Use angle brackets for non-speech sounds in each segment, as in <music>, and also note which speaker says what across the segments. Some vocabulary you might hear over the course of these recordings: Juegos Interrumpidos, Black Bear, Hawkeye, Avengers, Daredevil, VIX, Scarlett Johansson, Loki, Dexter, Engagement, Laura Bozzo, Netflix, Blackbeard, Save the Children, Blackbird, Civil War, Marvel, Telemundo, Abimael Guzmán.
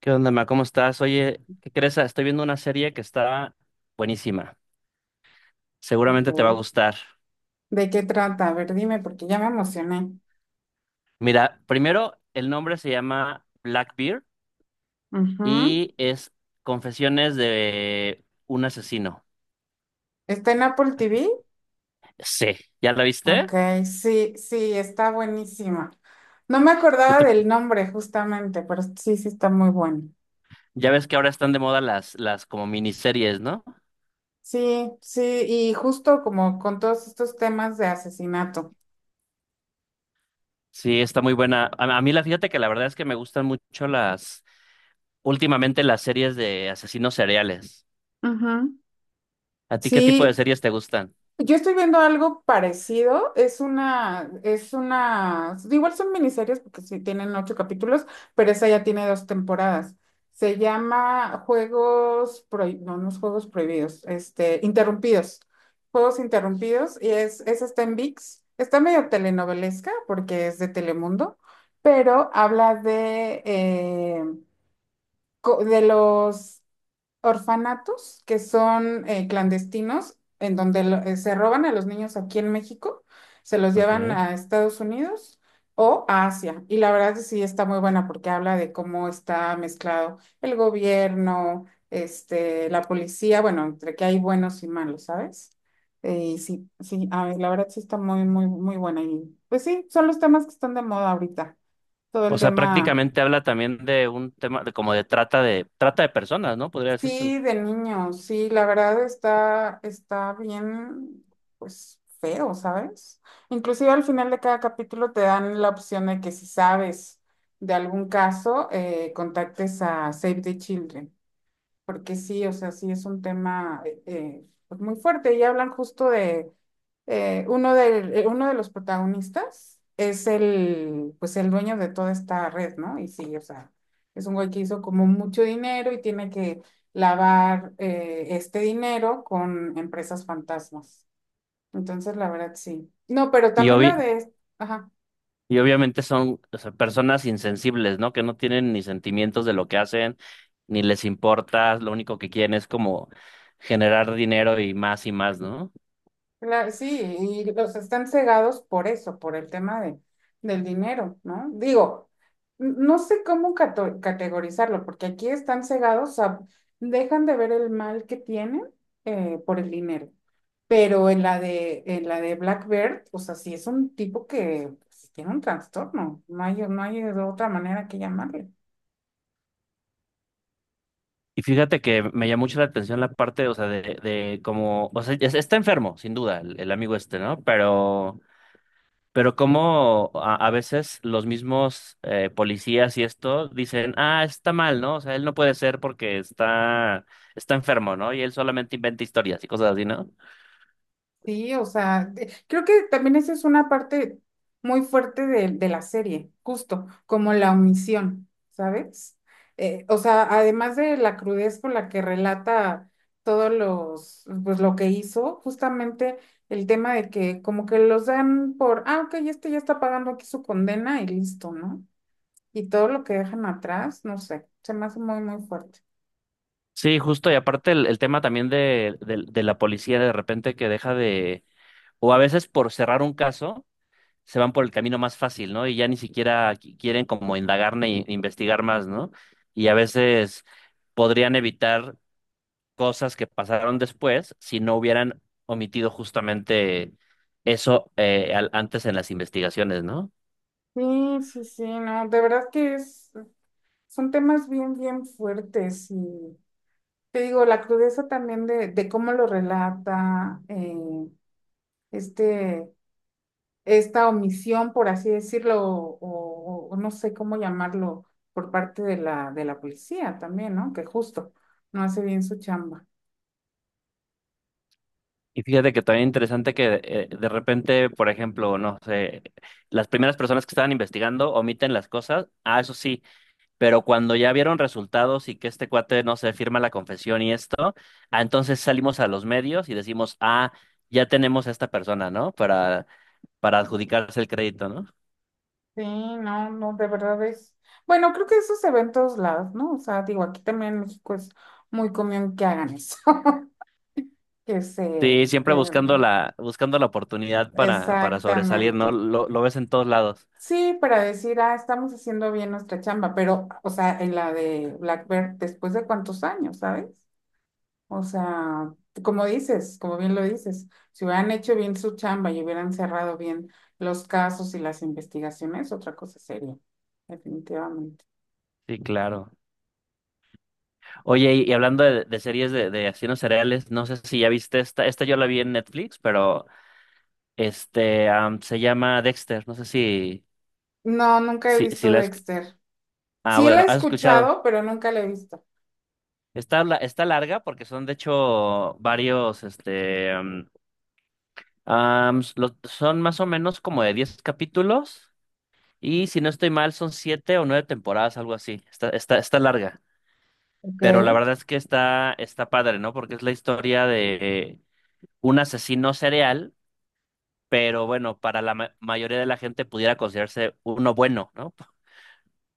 Speaker 1: ¿Qué onda, ma? ¿Cómo estás? Oye, ¿qué crees? Estoy viendo una serie que está buenísima.
Speaker 2: Ok.
Speaker 1: Seguramente te va a gustar.
Speaker 2: ¿De qué trata? A ver, dime, porque ya me emocioné.
Speaker 1: Mira, primero, el nombre se llama Blackbeard
Speaker 2: Ujú.
Speaker 1: y es Confesiones de un asesino.
Speaker 2: ¿Está en Apple TV?
Speaker 1: Sí, ¿ya la viste?
Speaker 2: Ok, sí, sí, está buenísima. No me
Speaker 1: ¿Qué
Speaker 2: acordaba
Speaker 1: te-
Speaker 2: del nombre justamente, pero sí, sí está muy bueno.
Speaker 1: Ya ves que ahora están de moda las como miniseries, ¿no?
Speaker 2: Sí, sí, y justo como con todos estos temas de asesinato.
Speaker 1: Sí, está muy buena. A mí la fíjate que la verdad es que me gustan mucho las, últimamente las series de asesinos seriales.
Speaker 2: Ujú.
Speaker 1: ¿A ti qué tipo de
Speaker 2: Sí,
Speaker 1: series te gustan?
Speaker 2: yo estoy viendo algo parecido, es una, igual son miniseries porque sí tienen ocho capítulos, pero esa ya tiene dos temporadas. Se llama Juegos Prohibidos, no, no es Juegos Prohibidos, Interrumpidos, Juegos Interrumpidos, y es, esa está en VIX, está medio telenovelesca porque es de Telemundo, pero habla de, de los orfanatos que son clandestinos, en donde se roban a los niños aquí en México, se los
Speaker 1: Ok.
Speaker 2: llevan a Estados Unidos o a Asia. Y la verdad es que sí está muy buena porque habla de cómo está mezclado el gobierno, este, la policía, bueno, entre que hay buenos y malos, ¿sabes? Y sí, sí, a ver, la verdad sí está muy, muy, muy buena. Y pues sí, son los temas que están de moda ahorita. Todo el
Speaker 1: O sea,
Speaker 2: tema.
Speaker 1: prácticamente habla también de un tema de como de trata de trata de personas, ¿no? Podría decirse.
Speaker 2: Sí, de niños, sí, la verdad está, está bien, pues feo, ¿sabes? Inclusive al final de cada capítulo te dan la opción de que si sabes de algún caso, contactes a Save the Children porque sí, o sea, sí es un tema pues muy fuerte y hablan justo de uno de los protagonistas es el, pues el dueño de toda esta red, ¿no? Y sí, o sea, es un güey que hizo como mucho dinero y tiene que lavar este dinero con empresas fantasmas. Entonces, la verdad, sí. No, pero
Speaker 1: Y
Speaker 2: también la
Speaker 1: obvi-
Speaker 2: de, ajá.
Speaker 1: y obviamente son, o sea, personas insensibles, ¿no? Que no tienen ni sentimientos de lo que hacen, ni les importa, lo único que quieren es como generar dinero y más, ¿no?
Speaker 2: Claro, sí, y los están cegados por eso, por el tema de, del dinero, ¿no? Digo, no sé cómo categorizarlo, porque aquí están cegados, o sea, dejan de ver el mal que tienen por el dinero. Pero en la de Black Bear, o sea, sí es un tipo que pues, tiene un trastorno, no hay, no hay de otra manera que llamarle.
Speaker 1: Y fíjate que me llamó mucho la atención la parte, o sea, de como, o sea, está enfermo, sin duda, el amigo este, ¿no? Pero como a veces los mismos policías y esto dicen, ah, está mal, ¿no? O sea, él no puede ser porque está, está enfermo, ¿no? Y él solamente inventa historias y cosas así, ¿no?
Speaker 2: Sí, o sea, creo que también esa es una parte muy fuerte de la serie, justo, como la omisión, ¿sabes? O sea, además de la crudez con la que relata todos los, pues lo que hizo, justamente el tema de que como que los dan por, ah, ok, este ya está pagando aquí su condena y listo, ¿no? Y todo lo que dejan atrás, no sé, se me hace muy, muy fuerte.
Speaker 1: Sí, justo. Y aparte el tema también de la policía de repente que deja de, o a veces por cerrar un caso, se van por el camino más fácil, ¿no? Y ya ni siquiera quieren como indagar ni investigar más, ¿no? Y a veces podrían evitar cosas que pasaron después si no hubieran omitido justamente eso antes en las investigaciones, ¿no?
Speaker 2: Sí, sí, sí, no, de verdad que es, son temas bien, bien fuertes y... Te digo, la crudeza también de cómo lo relata, este, esta omisión, por así decirlo, o, o no sé cómo llamarlo, por parte de la policía también, ¿no? Que justo no hace bien su chamba.
Speaker 1: Y fíjate que también interesante que de repente, por ejemplo, no sé, las primeras personas que estaban investigando omiten las cosas, ah, eso sí, pero cuando ya vieron resultados y que este cuate, no se firma la confesión y esto, ah, entonces salimos a los medios y decimos, ah, ya tenemos a esta persona, ¿no? Para adjudicarse el crédito, ¿no?
Speaker 2: Sí, no, no, de verdad es. Bueno, creo que eso se ve en todos lados, ¿no? O sea, digo, aquí también en México es muy común que hagan eso. <laughs> Que se,
Speaker 1: Sí, siempre
Speaker 2: que,
Speaker 1: buscando la oportunidad para sobresalir, ¿no?
Speaker 2: exactamente.
Speaker 1: Lo ves en todos lados.
Speaker 2: Sí, para decir, ah, estamos haciendo bien nuestra chamba, pero, o sea, en la de Blackbird, después de cuántos años, ¿sabes? O sea, como dices, como bien lo dices, si hubieran hecho bien su chamba y hubieran cerrado bien los casos y las investigaciones, otra cosa seria, definitivamente.
Speaker 1: Sí, claro. Oye, y hablando de series de asesinos cereales, no sé si ya viste esta, esta yo la vi en Netflix, pero se llama Dexter, no sé si,
Speaker 2: No, nunca he
Speaker 1: si, si
Speaker 2: visto
Speaker 1: la has,
Speaker 2: Dexter.
Speaker 1: ah,
Speaker 2: Sí la
Speaker 1: bueno,
Speaker 2: he
Speaker 1: has escuchado.
Speaker 2: escuchado, pero nunca la he visto.
Speaker 1: Está, está larga porque son de hecho varios, son más o menos como de 10 capítulos. Y si no estoy mal, son 7 o 9 temporadas, algo así. Está, está, está larga.
Speaker 2: Ok.
Speaker 1: Pero la verdad es que está, está padre, ¿no? Porque es la historia de un asesino serial, pero bueno, para la mayoría de la gente pudiera considerarse uno bueno, ¿no?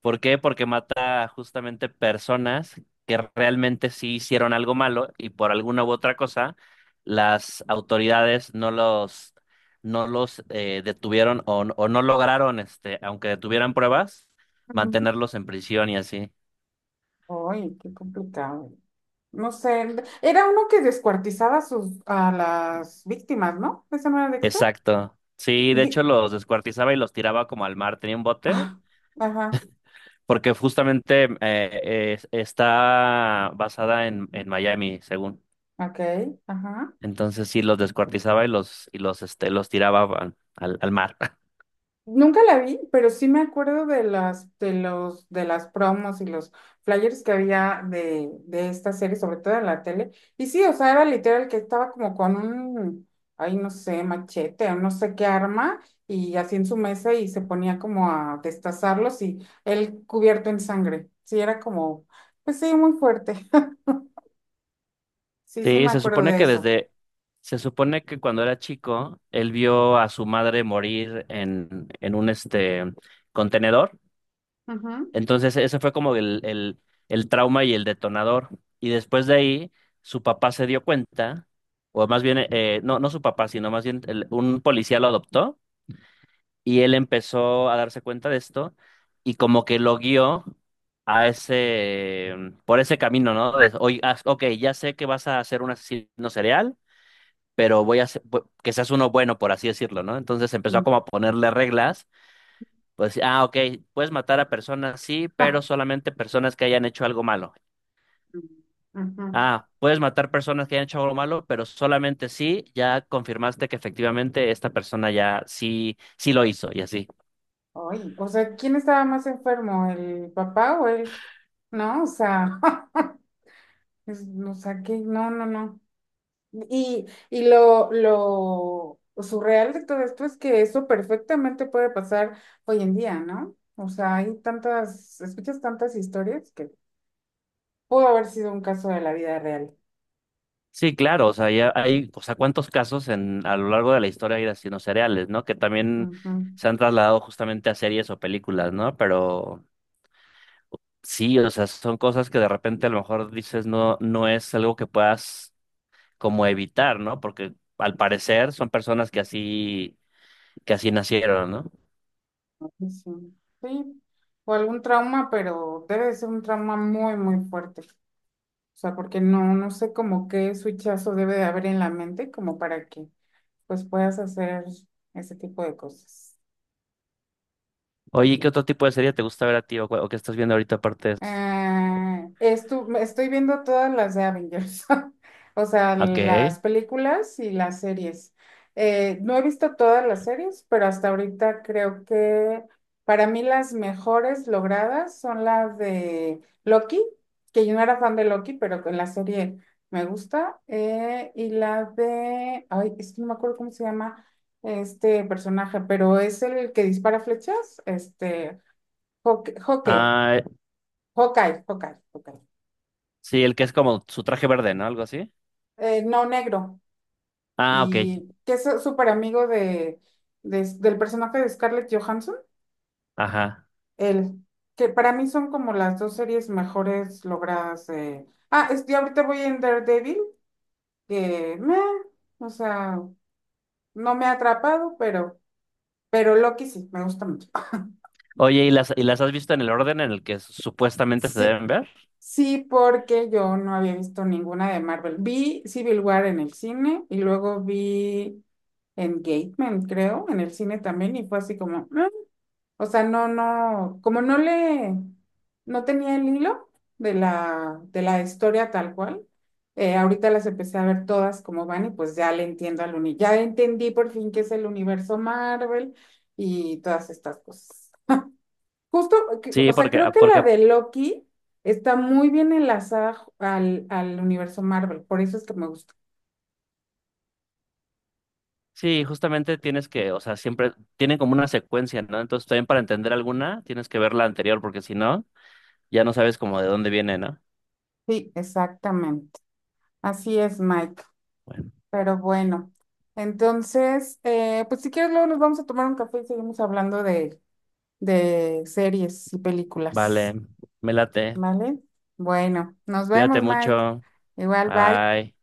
Speaker 1: ¿Por qué? Porque mata justamente personas que realmente sí hicieron algo malo y por alguna u otra cosa las autoridades no los, no los detuvieron o no lograron, este, aunque detuvieran pruebas,
Speaker 2: Ujú.
Speaker 1: mantenerlos en prisión y así.
Speaker 2: Ay, qué complicado. No sé, era uno que descuartizaba sus, a las víctimas, ¿no? ¿Ese no era Dexter?
Speaker 1: Exacto. Sí, de hecho
Speaker 2: Vi-
Speaker 1: los descuartizaba y los tiraba como al mar. Tenía un bote
Speaker 2: Ah, ajá,
Speaker 1: porque justamente está basada en Miami, según.
Speaker 2: ok, ajá.
Speaker 1: Entonces sí los descuartizaba y los este los tiraba al, al al mar. <laughs>
Speaker 2: Nunca la vi, pero sí me acuerdo de las, de los, de las promos y los flyers que había de esta serie, sobre todo en la tele. Y sí, o sea, era literal que estaba como con un, ay, no sé, machete o no sé qué arma, y así en su mesa y se ponía como a destazarlos y él cubierto en sangre. Sí, era como, pues sí, muy fuerte. <laughs> Sí, sí
Speaker 1: Sí,
Speaker 2: me
Speaker 1: se
Speaker 2: acuerdo
Speaker 1: supone
Speaker 2: de
Speaker 1: que
Speaker 2: eso.
Speaker 1: desde se supone que cuando era chico él vio a su madre morir en un este contenedor.
Speaker 2: Ujú.
Speaker 1: Entonces, eso fue como el trauma y el detonador. Y después de ahí, su papá se dio cuenta, o más bien, no su papá, sino más bien un policía lo adoptó y él empezó a darse cuenta de esto y como que lo guió a ese, por ese camino, ¿no? De, oye, ok, ya sé que vas a ser un asesino serial, pero voy a hacer- que seas uno bueno, por así decirlo, ¿no? Entonces empezó a
Speaker 2: Mm.
Speaker 1: como a ponerle reglas pues, ah, ok, puedes matar a personas, sí, pero solamente personas que hayan hecho algo malo.
Speaker 2: <laughs> Ujú.
Speaker 1: Ah, puedes matar personas que hayan hecho algo malo, pero solamente si ya confirmaste que efectivamente esta persona ya sí, sí lo hizo y así.
Speaker 2: Ay, o sea, ¿quién estaba más enfermo, el papá o él? No, o sea, <laughs> o sea, que no, no, no. Y, y lo surreal de todo esto es que eso perfectamente puede pasar hoy en día, ¿no? O sea, hay tantas, escuchas tantas historias que pudo haber sido un caso de la vida real.
Speaker 1: Sí, claro, o sea, ya hay, o sea, cuántos casos en, a lo largo de la historia hay de asesinos seriales, ¿no? Que también
Speaker 2: Ujú.
Speaker 1: se han trasladado justamente a series o películas, ¿no? Pero sí, o sea, son cosas que de repente a lo mejor dices no, no es algo que puedas como evitar, ¿no? Porque al parecer son personas que así nacieron, ¿no?
Speaker 2: Sí, sí. Sí, o algún trauma, pero debe de ser un trauma muy, muy fuerte. O sea, porque no, no sé como qué switchazo debe de haber en la mente como para que pues puedas hacer ese tipo de cosas.
Speaker 1: Oye, ¿y ¿qué otro tipo de serie te gusta ver a ti o, o qué estás viendo ahorita aparte de eso?
Speaker 2: Ah, estoy viendo todas las de Avengers, <laughs> o sea,
Speaker 1: Ok.
Speaker 2: las películas y las series. No he visto todas las series, pero hasta ahorita creo que para mí las mejores logradas son las de Loki, que yo no era fan de Loki, pero con la serie me gusta, y la de, ay, es que no me acuerdo cómo se llama este personaje, pero es el que dispara flechas, este, Hawkeye.
Speaker 1: Ah,
Speaker 2: Hawkeye, Hawkeye, Hawkeye.
Speaker 1: sí, el que es como su traje verde, ¿no? Algo así.
Speaker 2: No negro.
Speaker 1: Ah, ok.
Speaker 2: Y que es súper amigo de, del personaje de Scarlett Johansson.
Speaker 1: Ajá.
Speaker 2: Él. Que para mí son como las dos series mejores logradas. Ah, es, ahorita voy en Daredevil, que meh, o sea, no me ha atrapado, pero Loki sí, me gusta mucho.
Speaker 1: Oye, y las has visto en el orden en el que supuestamente se
Speaker 2: Sí,
Speaker 1: deben ver?
Speaker 2: sí, porque yo no había visto ninguna de Marvel. Vi Civil War en el cine y luego vi Engagement, creo, en el cine también y fue así como, "Mm". O sea, no, no, como no le, no tenía el hilo de la historia tal cual. Ahorita las empecé a ver todas como van y pues ya le entiendo al uni, ya entendí por fin qué es el universo Marvel y todas estas cosas. Justo, o
Speaker 1: Sí,
Speaker 2: sea, creo que
Speaker 1: porque
Speaker 2: la
Speaker 1: ah,
Speaker 2: de Loki está muy bien enlazada al, al universo Marvel, por eso es que me gusta.
Speaker 1: sí, justamente tienes que, o sea, siempre tienen como una secuencia, ¿no? Entonces también para entender alguna tienes que ver la anterior, porque si no, ya no sabes como de dónde viene, ¿no?
Speaker 2: Sí, exactamente. Así es, Mike.
Speaker 1: Bueno.
Speaker 2: Pero bueno, entonces, pues si quieres, luego nos vamos a tomar un café y seguimos hablando de series y
Speaker 1: Vale,
Speaker 2: películas.
Speaker 1: me late.
Speaker 2: ¿Vale? Bueno, nos
Speaker 1: Cuídate
Speaker 2: vemos, Mike.
Speaker 1: mucho.
Speaker 2: Igual, bye.
Speaker 1: Bye.